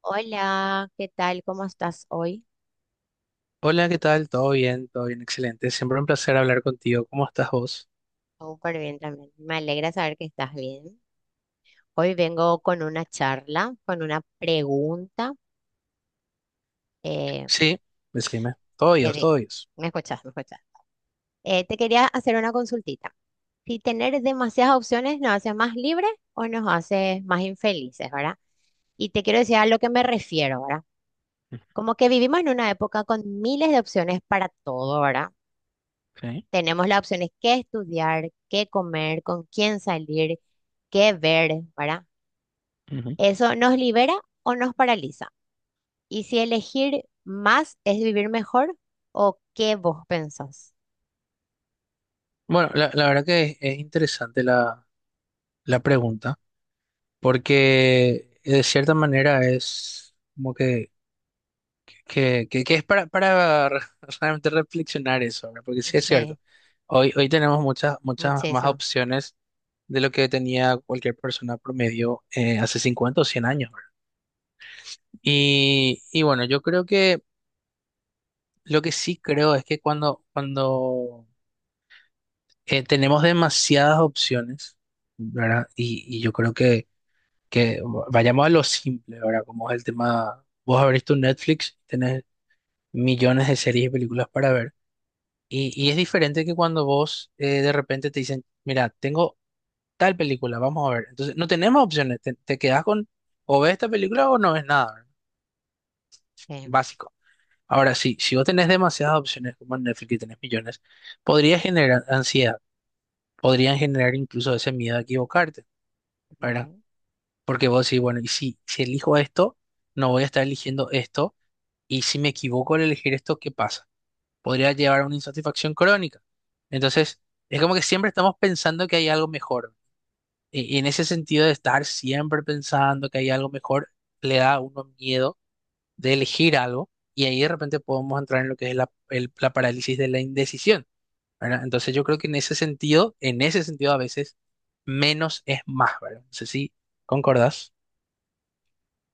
Hola, ¿qué tal? ¿Cómo estás hoy? Hola, ¿qué tal? ¿Todo bien? ¿Todo bien? Excelente. Siempre un placer hablar contigo. ¿Cómo estás vos? Súper bien también. Me alegra saber que estás bien. Hoy vengo con una charla, con una pregunta. eh, Sí, decime. Todo te ellos, de- todo ellos. ¿Me escuchás? ¿Me escuchás? Te quería hacer una consultita. Si tener demasiadas opciones nos hace más libres o nos hace más infelices, ¿verdad? Y te quiero decir a lo que me refiero, ¿verdad? Como que vivimos en una época con miles de opciones para todo, ¿verdad? Okay. Tenemos las opciones qué estudiar, qué comer, con quién salir, qué ver, ¿verdad? Ujú. ¿Eso nos libera o nos paraliza? Y si elegir más es vivir mejor o qué vos pensás. Bueno, la verdad que es interesante la pregunta, porque de cierta manera es como que es para, para realmente reflexionar eso, ¿verdad? Porque sí es Sí, cierto. Hoy tenemos muchas, muchas más muchísimo. opciones de lo que tenía cualquier persona promedio hace 50 o 100 años, ¿verdad? Y bueno, yo creo que... Lo que sí creo es que cuando tenemos demasiadas opciones, ¿verdad? Y yo creo que, que vayamos a lo simple, ¿verdad? Como es el tema, vos abrís tu Netflix, tenés millones de series y películas para ver. Y es diferente que cuando vos de repente te dicen, mira, tengo tal película, vamos a ver. Entonces, no tenemos opciones, te quedás con, o ves esta película o no ves nada, ¿verdad? Sí, Básico. Ahora sí, si vos tenés demasiadas opciones como en Netflix y tenés millones, podría generar ansiedad, podrían generar incluso ese miedo a equivocarte, ¿verdad? ujú. Porque vos decís, bueno, y si elijo esto, no voy a estar eligiendo esto, y si me equivoco al elegir esto, ¿qué pasa? Podría llevar a una insatisfacción crónica. Entonces, es como que siempre estamos pensando que hay algo mejor. Y en ese sentido de estar siempre pensando que hay algo mejor, le da a uno miedo de elegir algo, y ahí de repente podemos entrar en lo que es la, la parálisis de la indecisión, ¿verdad? Entonces yo creo que en ese sentido a veces menos es más, ¿verdad? No sé si concordás.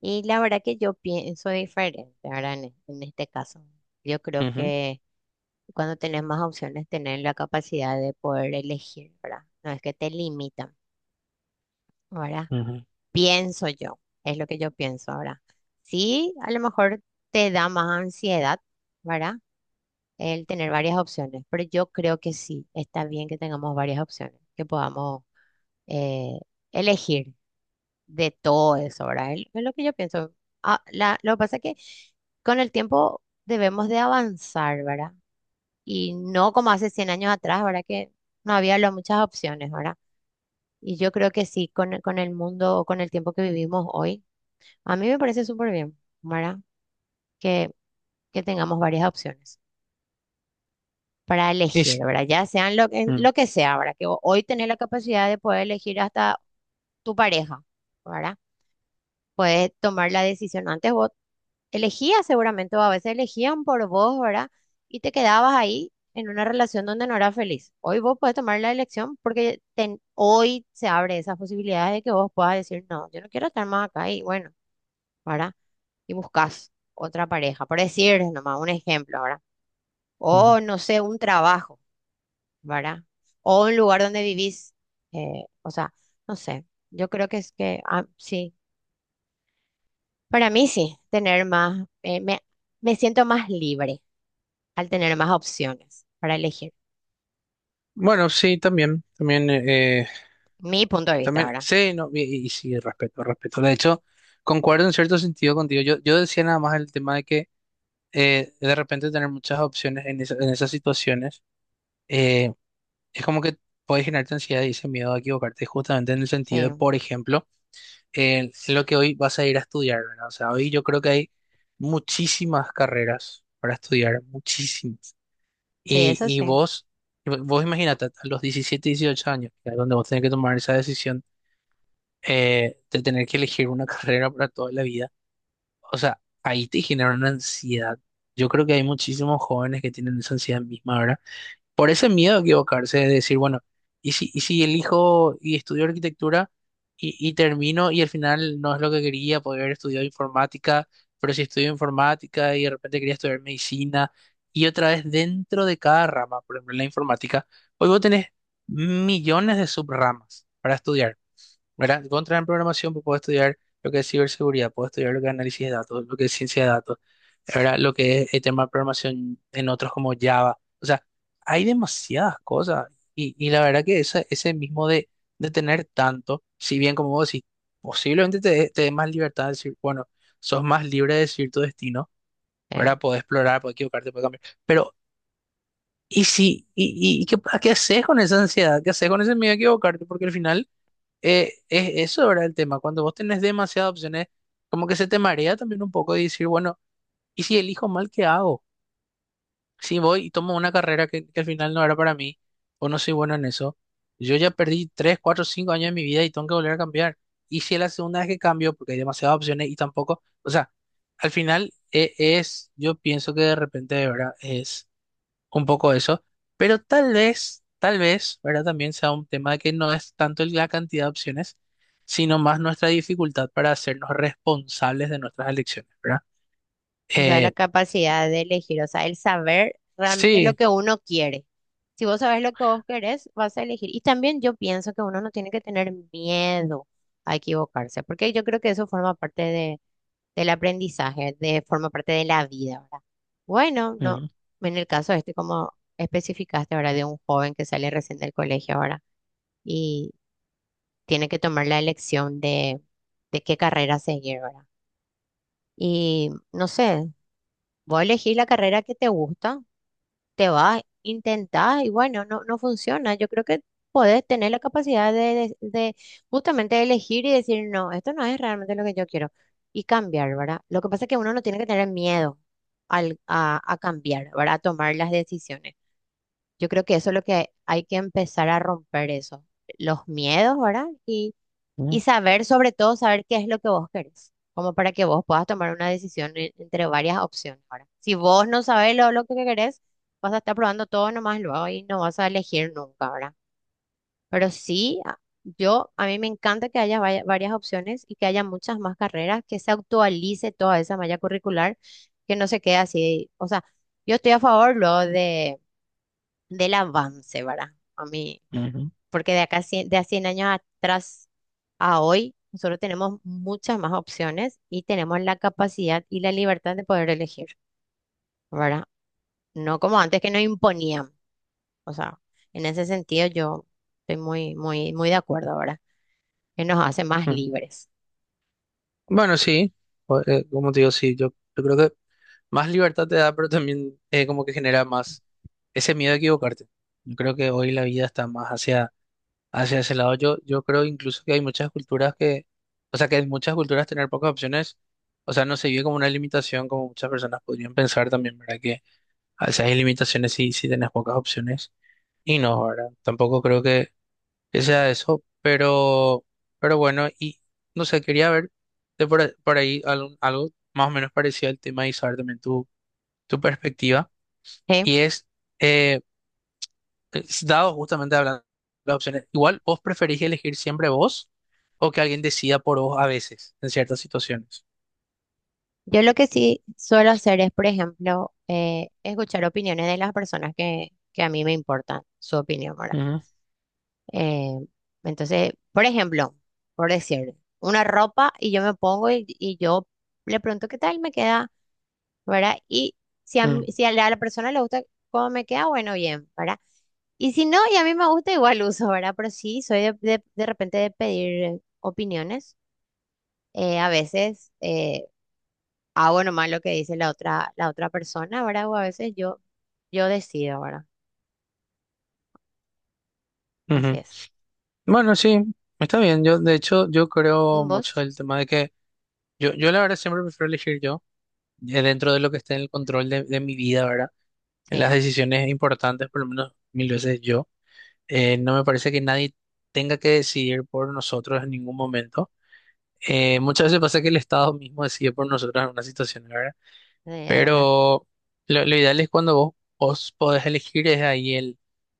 Y la verdad que yo pienso diferente, ¿verdad? En este caso, yo creo Ujú. que cuando tenés más opciones, tenés la capacidad de poder elegir, ¿verdad? No es que te limitan, ¿verdad? Ujú. Pienso yo, es lo que yo pienso ahora. Sí, a lo mejor te da más ansiedad, ¿verdad? El tener varias opciones, pero yo creo que sí, está bien que tengamos varias opciones, que podamos eh, elegir de todo eso, ¿verdad? Es lo que yo pienso. Ah, lo que pasa es que con el tiempo debemos de avanzar, ¿verdad? Y no como hace 100 años atrás, ¿verdad? Que no había muchas opciones, ¿verdad? Y yo creo que sí, con el mundo o con el tiempo que vivimos hoy. A mí me parece súper bien, ¿verdad? Que, que tengamos varias opciones para elegir, Es- ¿verdad? Ya sean lo, en mm, lo que sea, ¿verdad? Que hoy tenés la capacidad de poder elegir hasta tu pareja, ¿verdad? Puedes tomar la decisión. Antes vos elegías seguramente, o a veces elegían por vos, ¿verdad? Y te quedabas ahí en una relación donde no eras feliz. Hoy vos puedes tomar la elección porque hoy se abre esas posibilidades de que vos puedas decir, no, yo no quiero estar más acá y bueno, ¿verdad? Y buscas otra pareja, por decir nomás un ejemplo, ¿verdad? ujú. O no sé, un trabajo, ¿verdad? O un lugar donde vivís, o sea, no sé, yo creo que es que, ah, sí, para mí sí, tener más, me siento más libre al tener más opciones para elegir, Bueno, sí, también, también, mi punto de vista, también, ¿verdad? sí, no, y sí, respeto, respeto. De hecho, concuerdo en cierto sentido contigo. Yo decía nada más el tema de que de repente tener muchas opciones en esas situaciones, eh, es como que puede generarte ansiedad y ese miedo a equivocarte, justamente en el Sí, sentido de, por ejemplo, en lo que hoy vas a ir a estudiar, ¿verdad? O sea, hoy yo creo que hay muchísimas carreras para estudiar, muchísimas. sí, Y, eso y sí. vos imagínate, a los 17, 18 años, que es donde vos tenés que tomar esa decisión, de tener que elegir una carrera para toda la vida, o sea, ahí te genera una ansiedad. Yo creo que hay muchísimos jóvenes que tienen esa ansiedad misma, ¿verdad? Por ese miedo a equivocarse, de decir, bueno, y si elijo y estudio arquitectura y termino y al final no es lo que quería, podría haber estudiado informática, pero si estudio informática y de repente quería estudiar medicina y otra vez dentro de cada rama, por ejemplo, en la informática, hoy vos tenés millones de subramas para estudiar, ¿verdad? Contra en programación, pues puedo estudiar lo que es ciberseguridad, puedo estudiar lo que es análisis de datos, lo que es ciencia de datos, ¿verdad? Lo que es el tema de programación en otros como Java. O sea, hay demasiadas cosas. Y la verdad que ese mismo de tener tanto, si bien como vos decís, posiblemente te dé más libertad de decir, bueno, sos más libre de decir tu destino, Sí. ¿verdad? Podés explorar, podés equivocarte, podés cambiar. Pero, ¿y si qué haces con esa ansiedad? ¿Qué haces con ese miedo a equivocarte? Porque al final... es eso era el tema. Cuando vos tenés demasiadas opciones, como que se te marea también un poco y decir, bueno, ¿y si elijo mal, qué hago? Si voy y tomo una carrera que, al final no era para mí, o no soy bueno en eso, yo ya perdí 3 4 5 años de mi vida y tengo que volver a cambiar. Y si es la segunda vez que cambio, porque hay demasiadas opciones y tampoco, o sea, al final yo pienso que de repente, de verdad, es un poco eso, pero tal vez, ¿verdad? También sea un tema de que no es tanto la cantidad de opciones, sino más nuestra dificultad para hacernos responsables de nuestras elecciones, ¿verdad? O sea, la Eh, capacidad de elegir, o sea, el saber realmente lo sí. que uno quiere. Si vos sabes lo que vos querés, vas a elegir. Y también yo pienso que uno no tiene que tener miedo a equivocarse, porque yo creo que eso forma parte de, del aprendizaje, de, forma parte de la vida, ¿verdad? Bueno, no, Ujú, en el caso este, como especificaste, ¿verdad? De un joven que sale recién del colegio ahora y tiene que tomar la elección de qué carrera seguir, ¿verdad? Y no sé, vos elegís la carrera que te gusta, te vas, intentás y bueno, no, no funciona. Yo creo que podés tener la capacidad de justamente elegir y decir, no, esto no es realmente lo que yo quiero y cambiar, ¿verdad? Lo que pasa es que uno no tiene que tener miedo a cambiar, ¿verdad? A tomar las decisiones. Yo creo que eso es lo que hay que empezar a romper eso, los miedos, ¿verdad? Y ujú, saber, sobre todo, saber qué es lo que vos querés, como para que vos puedas tomar una decisión entre varias opciones. Ahora, si vos no sabés lo que querés, vas a estar probando todo nomás luego y no vas a elegir nunca, ¿verdad? Pero sí, a mí me encanta que haya varias opciones y que haya muchas más carreras, que se actualice toda esa malla curricular, que no se quede así. O sea, yo estoy a favor luego de, del avance, ¿verdad? A mí ujú, porque de acá de a 100 años atrás a hoy, nosotros tenemos muchas más opciones y tenemos la capacidad y la libertad de poder elegir, ¿verdad? No como antes que nos imponían. O sea, en ese sentido yo estoy muy de acuerdo ahora, que nos hace más ujú. libres. Bueno, sí, como te digo, sí, yo creo que más libertad te da, pero también como que genera más ese miedo a equivocarte. Yo creo que hoy la vida está más hacia hacia ese lado, yo creo incluso que hay muchas culturas que, o sea, que en muchas culturas tener pocas opciones, o sea, no se vive como una limitación, como muchas personas podrían pensar también, ¿verdad? Que a veces hay limitaciones si tenés pocas opciones, y no, ¿verdad? Tampoco creo que sea eso, pero, bueno, y no sé, quería ver por ahí algo más o menos parecido al tema y saber también tu perspectiva, ¿Sí? y eh, es dado justamente hablando de las opciones, igual vos preferís elegir siempre vos, o que alguien decida por vos a veces, en ciertas situaciones. Yo lo que sí suelo hacer es, por ejemplo, escuchar opiniones de las personas que a mí me importan, su opinión, ¿verdad? Ujú, Eh, entonces, por ejemplo, por decir, una ropa y yo me pongo y yo le pregunto qué tal me queda, ¿verdad? Y ujú, si a a la persona le gusta cómo me queda, bueno, bien, ¿verdad? Y si no, y a mí me gusta, igual uso, ¿verdad? Pero sí, soy de repente de pedir opiniones. A veces hago nomás lo que dice la otra persona, ¿verdad? O a veces yo decido, ¿verdad? Así ujú. es. Bueno, sí, está bien. Yo, de hecho, yo creo mucho ¿Vos? el tema de que yo la verdad siempre prefiero elegir yo, dentro de lo que esté en el control de, mi vida, ¿verdad? En las Sí, decisiones importantes, por lo menos 1.000 veces yo. No me parece que nadie tenga que decidir por nosotros en ningún momento. Muchas veces pasa que el Estado mismo decide por nosotros en una situación, ¿verdad? sí, hay una. Pero lo ideal es cuando vos podés elegir, es ahí el,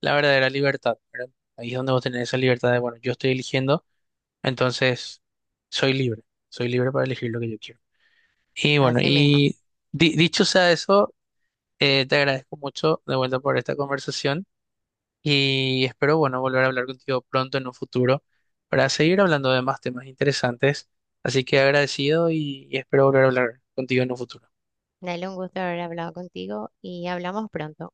la verdadera libertad, ¿verdad? Ahí es donde vos tenés esa libertad de, bueno, yo estoy eligiendo, entonces soy libre, soy libre para elegir lo que yo quiero. Y bueno, Así mismo. y dicho sea eso, te agradezco mucho de vuelta por esta conversación y espero, bueno, volver a hablar contigo pronto en un futuro para seguir hablando de más temas interesantes. Así que agradecido y espero volver a hablar contigo en un futuro. Dale, un gusto haber hablado contigo y hablamos pronto.